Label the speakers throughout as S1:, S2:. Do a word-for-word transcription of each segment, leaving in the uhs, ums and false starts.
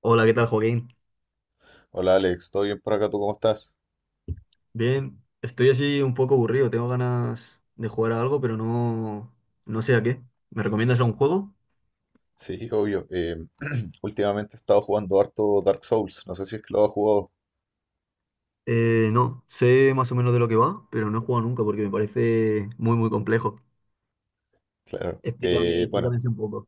S1: Hola, ¿qué tal, Joaquín?
S2: Hola Alex, ¿todo bien por acá? ¿Tú cómo estás?
S1: Bien, estoy así un poco aburrido, tengo ganas de jugar a algo, pero no, no sé a qué. ¿Me recomiendas algún juego?
S2: Sí, obvio. eh, últimamente he estado jugando harto Dark Souls. No sé si es que lo has jugado.
S1: Eh, no, sé más o menos de lo que va, pero no he jugado nunca porque me parece muy, muy complejo.
S2: Claro.
S1: Explícame,
S2: Eh, bueno,
S1: explícame así un poco.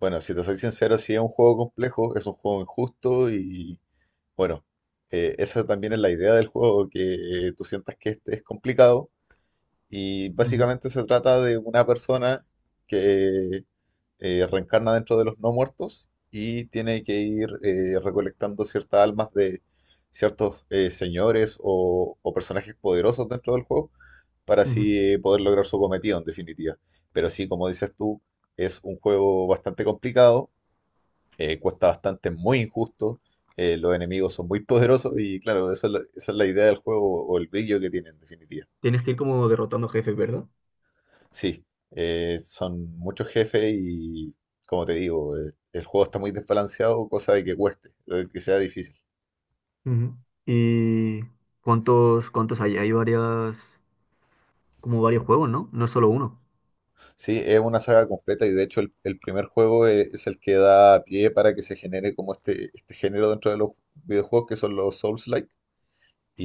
S2: bueno, si te soy sincero, sí es un juego complejo, es un juego injusto y bueno, eh, esa también es la idea del juego, que eh, tú sientas que este es complicado y
S1: Ujú,
S2: básicamente se trata de una persona que eh, reencarna dentro de los no muertos y tiene que ir eh, recolectando ciertas almas de ciertos eh, señores o, o personajes poderosos dentro del juego para
S1: ujú.
S2: así eh, poder lograr su cometido en definitiva. Pero sí, como dices tú, es un juego bastante complicado, eh, cuesta bastante, muy injusto, eh, los enemigos son muy poderosos y claro, esa es la, esa es la idea del juego o el brillo que tiene en definitiva.
S1: Tienes que ir como derrotando jefes, ¿verdad?
S2: Sí, eh, son muchos jefes y, como te digo, eh, el juego está muy desbalanceado, cosa de que cueste, de que sea difícil.
S1: Ujú. ¿Y cuántos, cuántos hay? Hay varias, como varios juegos, ¿no? No es solo uno.
S2: Sí, es una saga completa y de hecho el, el primer juego e- es, el que da pie para que se genere como este, este género dentro de los videojuegos que son los Souls-like.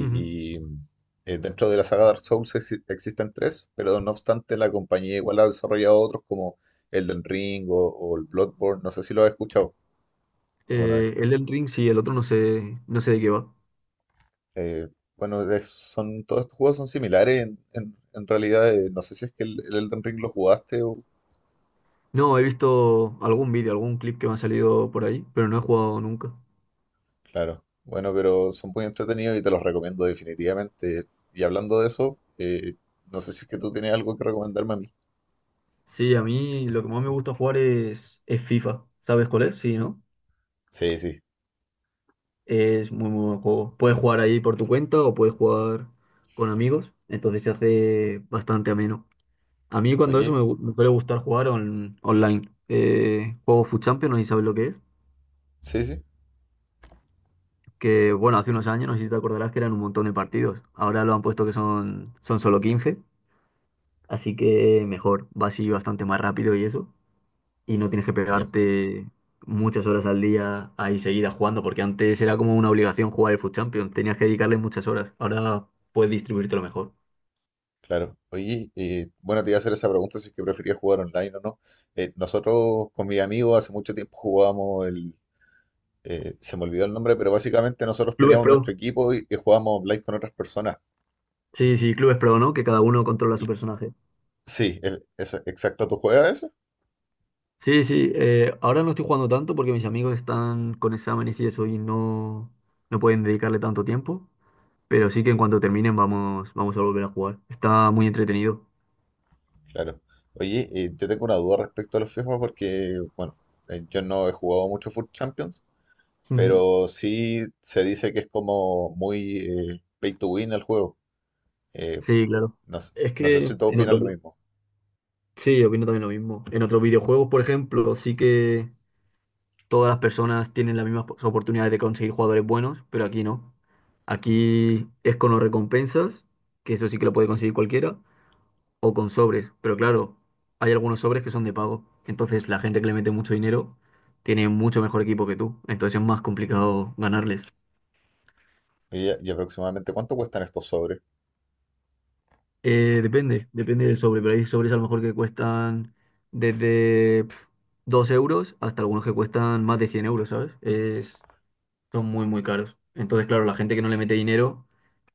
S1: Ujú.
S2: y, mm, eh, dentro de la saga Dark Souls exi- existen tres, pero no obstante la compañía igual ha desarrollado otros como Elden Ring o, o el Bloodborne, no sé si lo has escuchado alguna vez.
S1: Eh, Elden Ring, sí, el otro no sé, no sé de qué va.
S2: Eh, bueno, de- son, todos estos juegos son similares en, en- en realidad. Eh, no sé si es que el, el Elden Ring lo jugaste o...
S1: No, he visto algún vídeo, algún clip que me ha salido por ahí, pero no he jugado nunca.
S2: Claro. Bueno, pero son muy entretenidos y te los recomiendo definitivamente. Y hablando de eso, eh, no sé si es que tú tienes algo que recomendarme a mí.
S1: Sí, a mí lo que más me gusta jugar es, es FIFA. ¿Sabes cuál es? Sí, ¿no?
S2: Sí, sí.
S1: Es muy, muy buen juego. Puedes jugar ahí por tu cuenta o puedes jugar con amigos, entonces se hace bastante ameno. A mí cuando eso
S2: Oye,
S1: me, gu- me suele gustar jugar on- online. Eh, juego FUT Champions, no sé si sabes lo que es.
S2: sí, sí.
S1: Que bueno, hace unos años, no sé si te acordarás que eran un montón de partidos. Ahora lo han puesto que son, son solo quince, así que mejor, va así bastante más rápido y eso. Y no tienes que
S2: Ya,
S1: pegarte muchas horas al día ahí seguidas jugando, porque antes era como una obligación jugar el FUT Champions, tenías que dedicarle muchas horas. Ahora puedes distribuírtelo mejor.
S2: claro. Oye, eh, bueno, te iba a hacer esa pregunta si es que preferías jugar online o no. Eh, nosotros con mis amigos hace mucho tiempo jugábamos el... eh, se me olvidó el nombre, pero básicamente nosotros
S1: Clubes
S2: teníamos
S1: Pro.
S2: nuestro equipo y, y jugábamos online con otras personas.
S1: Sí, sí, Clubes Pro, ¿no? Que cada uno controla su personaje.
S2: Sí, el- es, exacto. ¿Tú juegas eso?
S1: Sí, sí, eh, ahora no estoy jugando tanto porque mis amigos están con exámenes y eso y no, no pueden dedicarle tanto tiempo, pero sí que en cuanto terminen vamos, vamos a volver a jugar. Está muy entretenido.
S2: Claro. Oye, eh, yo tengo una duda respecto a los FIFA porque, bueno, eh, yo no he jugado mucho Foot Champions,
S1: Ujú.
S2: pero sí se dice que es como muy eh, pay to win el juego. Eh,
S1: Sí, claro.
S2: no, s-
S1: Es
S2: no sé
S1: que
S2: si tú
S1: en
S2: opinas
S1: otro.
S2: lo mismo.
S1: Sí, opino también lo mismo. En otros videojuegos, por ejemplo, sí que todas las personas tienen las mismas pos- oportunidades de conseguir jugadores buenos, pero aquí no. Aquí es con los recompensas, que eso sí que lo puede conseguir cualquiera, o con sobres. Pero claro, hay algunos sobres que son de pago. Entonces la gente que le mete mucho dinero tiene mucho mejor equipo que tú. Entonces es más complicado ganarles.
S2: Oye, ¿Y, aproximadamente cuánto cuestan estos sobres?
S1: Eh, depende, depende del sobre, pero hay sobres a lo mejor que cuestan desde... pf, dos euros hasta algunos que cuestan más de cien euros, ¿sabes? Es, son muy, muy caros. Entonces, claro, la gente que no le mete dinero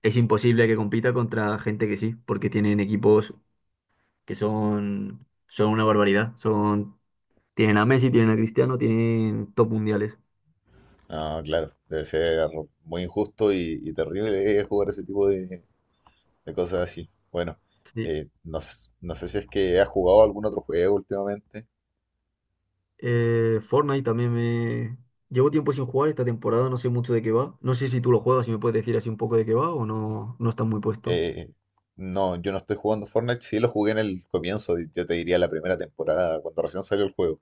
S1: es imposible que compita contra gente que sí, porque tienen equipos que son, son una barbaridad. Son, tienen a Messi, tienen a Cristiano, tienen top mundiales.
S2: Ah, claro, debe ser muy injusto y, y terrible eh, jugar ese tipo de, de cosas así. Bueno,
S1: Sí.
S2: eh, no, s- no sé si es que has jugado algún otro juego últimamente.
S1: Eh, Fortnite también me... Llevo tiempo sin jugar esta temporada, no sé mucho de qué va. No sé si tú lo juegas, si me puedes decir así un poco de qué va o no, no estás muy puesto.
S2: Eh, no, yo no estoy jugando Fortnite. Sí lo jugué en el comienzo, yo te diría la primera temporada, cuando recién salió el juego.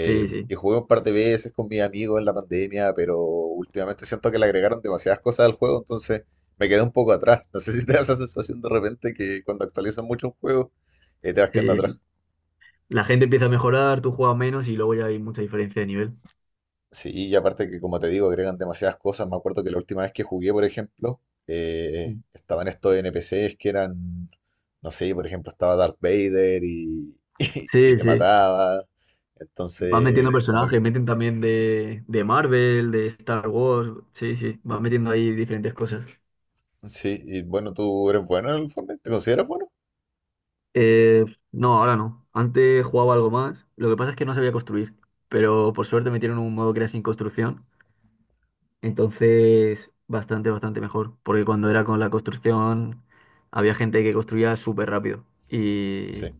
S1: Sí, sí,
S2: y jugué un par de veces con mis amigos en la pandemia, pero últimamente siento que le agregaron demasiadas cosas al juego, entonces me quedé un poco atrás. No sé si te da esa sensación de repente que cuando actualizan mucho un juego, eh, te vas quedando
S1: sí.
S2: atrás.
S1: La gente empieza a mejorar, tú juegas menos y luego ya hay mucha diferencia de nivel.
S2: Sí, y aparte que como te digo, agregan demasiadas cosas. Me acuerdo que la última vez que jugué, por ejemplo, eh,
S1: Mm.
S2: estaban estos N P C's que eran, no sé, por ejemplo, estaba Darth Vader y, y y
S1: Sí,
S2: te
S1: sí.
S2: mataba.
S1: Van metiendo
S2: Entonces, como que,
S1: personajes, meten también de, de Marvel, de Star Wars. Sí, sí, van metiendo ahí diferentes cosas.
S2: sí, y bueno, tú eres bueno en el Fortnite, ¿te consideras bueno?
S1: Eh, no, ahora no. Antes jugaba algo más. Lo que pasa es que no sabía construir. Pero por suerte metieron un modo que era sin construcción. Entonces, bastante, bastante mejor. Porque cuando era con la construcción, había gente que construía súper rápido. Y,
S2: Sí,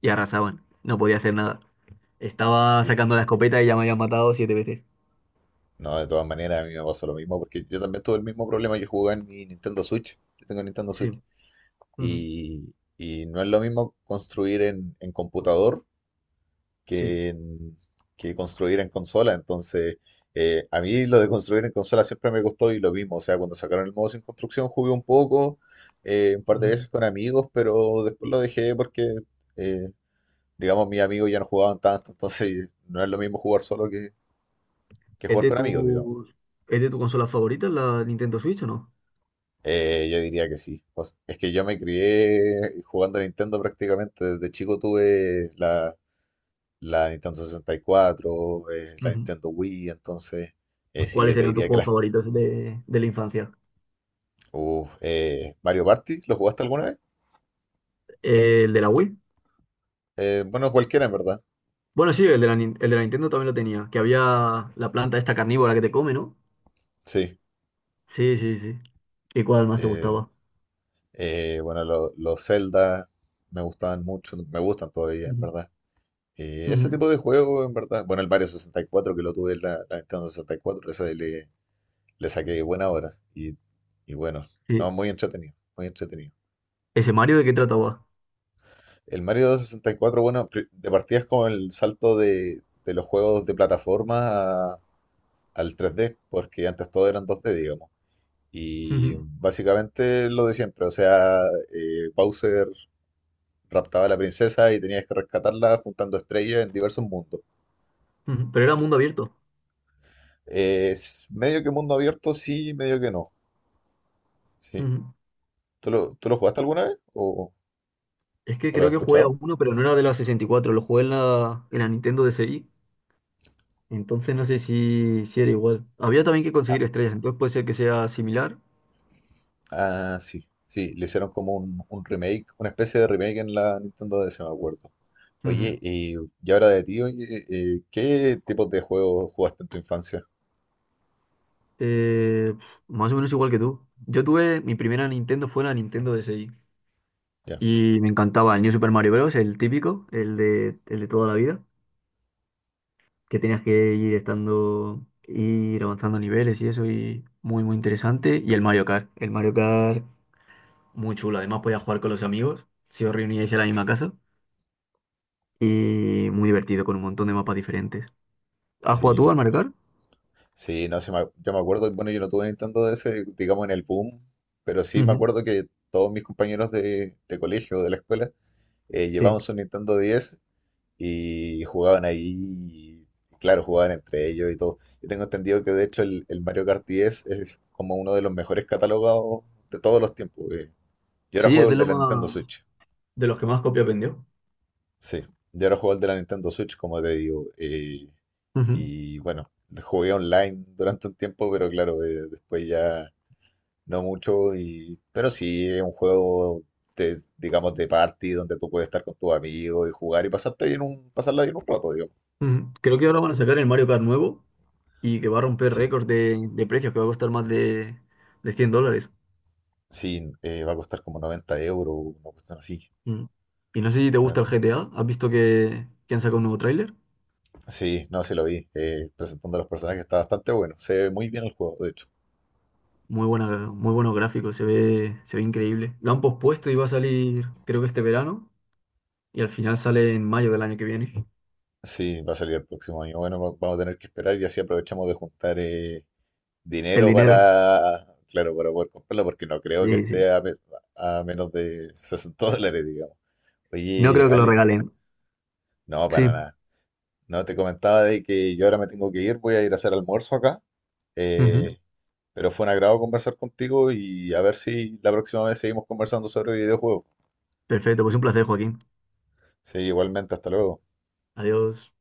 S1: y arrasaban. No podía hacer nada. Estaba
S2: sí.
S1: sacando la escopeta y ya me habían matado siete veces.
S2: No, de todas maneras, a mí me pasó lo mismo, porque yo también tuve el mismo problema. Yo jugaba en mi Nintendo Switch, yo tengo Nintendo
S1: Sí.
S2: Switch,
S1: Ujú.
S2: y, y no es lo mismo construir en, en computador
S1: Sí.
S2: que, en- que construir en consola. Entonces, eh, a mí lo de construir en consola siempre me gustó y lo mismo. O sea, cuando sacaron el modo sin construcción jugué un poco, eh, un par de
S1: Ujú.
S2: veces con amigos, pero después lo dejé porque, eh, digamos, mis amigos ya no jugaban tanto. Entonces, no es lo mismo jugar solo que, que
S1: ¿Es
S2: jugar
S1: de
S2: con amigos, digamos.
S1: tu, es de tu consola favorita la Nintendo Switch o no?
S2: Eh, yo diría que sí. Pues, es que yo me crié jugando a Nintendo prácticamente. Desde chico tuve la, la Nintendo sesenta y cuatro, eh, la
S1: Ujú.
S2: Nintendo Wii, entonces, eh, sí,
S1: ¿Cuáles
S2: yo te
S1: serían tus
S2: diría que
S1: juegos
S2: las...
S1: favoritos de, de la infancia?
S2: Uf, eh, Mario Party, ¿lo jugaste alguna vez?
S1: ¿El de la Wii?
S2: Eh, bueno, cualquiera en verdad,
S1: Bueno, sí, el de la, Nin- el de la Nintendo también lo tenía, que había la planta esta carnívora que te come, ¿no?
S2: sí.
S1: Sí, sí, sí. ¿Y cuál más te
S2: Eh,
S1: gustaba?
S2: eh, bueno, lo- los Zelda me gustaban mucho, me gustan todavía en
S1: Ujú.
S2: verdad. Eh, ese
S1: Ujú.
S2: tipo de juego en verdad, bueno, el Mario sesenta y cuatro que lo tuve en la, la Nintendo sesenta y cuatro, ese le, le saqué buenas horas y, y bueno,
S1: Sí.
S2: no, muy entretenido, muy entretenido.
S1: ¿Ese Mario de qué trataba?
S2: El Mario sesenta y cuatro, bueno, pri- de partida es como el salto de, de los juegos de plataforma a- al tres D, porque antes todo eran dos D, digamos. Y
S1: Ujú.
S2: básicamente lo de siempre, o sea, eh, Bowser raptaba a la princesa y tenías que rescatarla juntando estrellas en diversos mundos.
S1: Ujú. Pero era
S2: Sí.
S1: mundo abierto.
S2: Es medio que mundo abierto, sí, medio que no. Sí.
S1: Ujú.
S2: ¿Tú lo, tú lo jugaste alguna vez o,
S1: Es que
S2: o lo
S1: creo
S2: has
S1: que jugué a
S2: escuchado?
S1: uno, pero no era de la sesenta y cuatro. Lo jugué en la, en la Nintendo DSi. Entonces no sé si, si era igual. Había también que
S2: Ah,
S1: conseguir estrellas, entonces puede ser que sea similar.
S2: ah, sí, sí, le hicieron como un, un remake, una especie de remake en la Nintendo D S, me acuerdo.
S1: Ujú.
S2: Oye, y, y ahora de ti, oye, eh, ¿qué tipos de juegos jugaste en tu infancia?
S1: Eh, Más o menos igual que tú. Yo tuve, mi primera Nintendo fue la Nintendo DSi.
S2: Ya,
S1: Y me encantaba el New Super Mario Bros., el típico, el de, el de toda la vida, que tenías que ir estando, ir avanzando niveles y eso, y muy, muy interesante. Y el Mario Kart, el Mario Kart, muy chulo. Además, podías jugar con los amigos, si os reuníais en la misma casa. Y muy divertido, con un montón de mapas diferentes. ¿Has jugado tú
S2: sí,
S1: al Mario Kart?
S2: sí, no sé, me ac- yo me acuerdo, bueno, yo no tuve Nintendo D S, digamos, en el boom, pero sí me
S1: Ujú.
S2: acuerdo que todos mis compañeros de, de colegio, de la escuela, eh,
S1: Sí,
S2: llevaban su Nintendo diez y jugaban ahí, y claro, jugaban entre ellos y todo. Yo tengo entendido que de hecho el, el Mario Kart diez es como uno de los mejores catalogados de todos los tiempos. eh. Yo ahora
S1: sí,
S2: juego
S1: es
S2: el
S1: de
S2: de
S1: lo
S2: la Nintendo
S1: más,
S2: Switch.
S1: de los que más copias vendió.
S2: Sí, yo ahora juego el de la Nintendo Switch, como te digo. eh,
S1: Ujú,
S2: y bueno, jugué online durante un tiempo, pero claro, eh, después ya no mucho. Y, pero sí, es un juego, de, digamos, de party donde tú puedes estar con tus amigos y jugar y pasarte bien un, pasarla bien un rato, digamos.
S1: ujú. Creo que ahora van a sacar el Mario Kart nuevo y que va a romper
S2: Sí,
S1: récords de, de precios, que va a costar más de, de cien dólares.
S2: sí, eh, va a costar como noventa euros, una cuestión así.
S1: Mm. Y no sé si te gusta
S2: noventa.
S1: el G T A, ¿has visto que, que han sacado un nuevo tráiler?
S2: Sí, no, sí lo vi. eh, presentando a los personajes está bastante bueno. Se ve muy bien el juego, de hecho.
S1: Muy buena, muy buenos gráficos, se ve, se ve increíble. Lo han pospuesto y va a salir, creo que este verano, y al final sale en mayo del año que viene.
S2: Sí, va a salir el próximo año. Bueno, va- vamos a tener que esperar y así aprovechamos de juntar eh,
S1: El
S2: dinero
S1: dinero.
S2: para, claro, para poder comprarla, porque no creo que
S1: Sí, sí.
S2: esté a, me- a menos de sesenta dólares, digamos.
S1: No
S2: Oye,
S1: creo que lo
S2: Alex,
S1: regalen.
S2: no, para
S1: Sí.
S2: nada. No, te comentaba de que yo ahora me tengo que ir, voy a ir a hacer almuerzo acá.
S1: Ujú.
S2: eh, pero fue un agrado conversar contigo y a ver si la próxima vez seguimos conversando sobre videojuegos.
S1: Perfecto, pues un placer, Joaquín.
S2: Sí, igualmente, hasta luego.
S1: Adiós.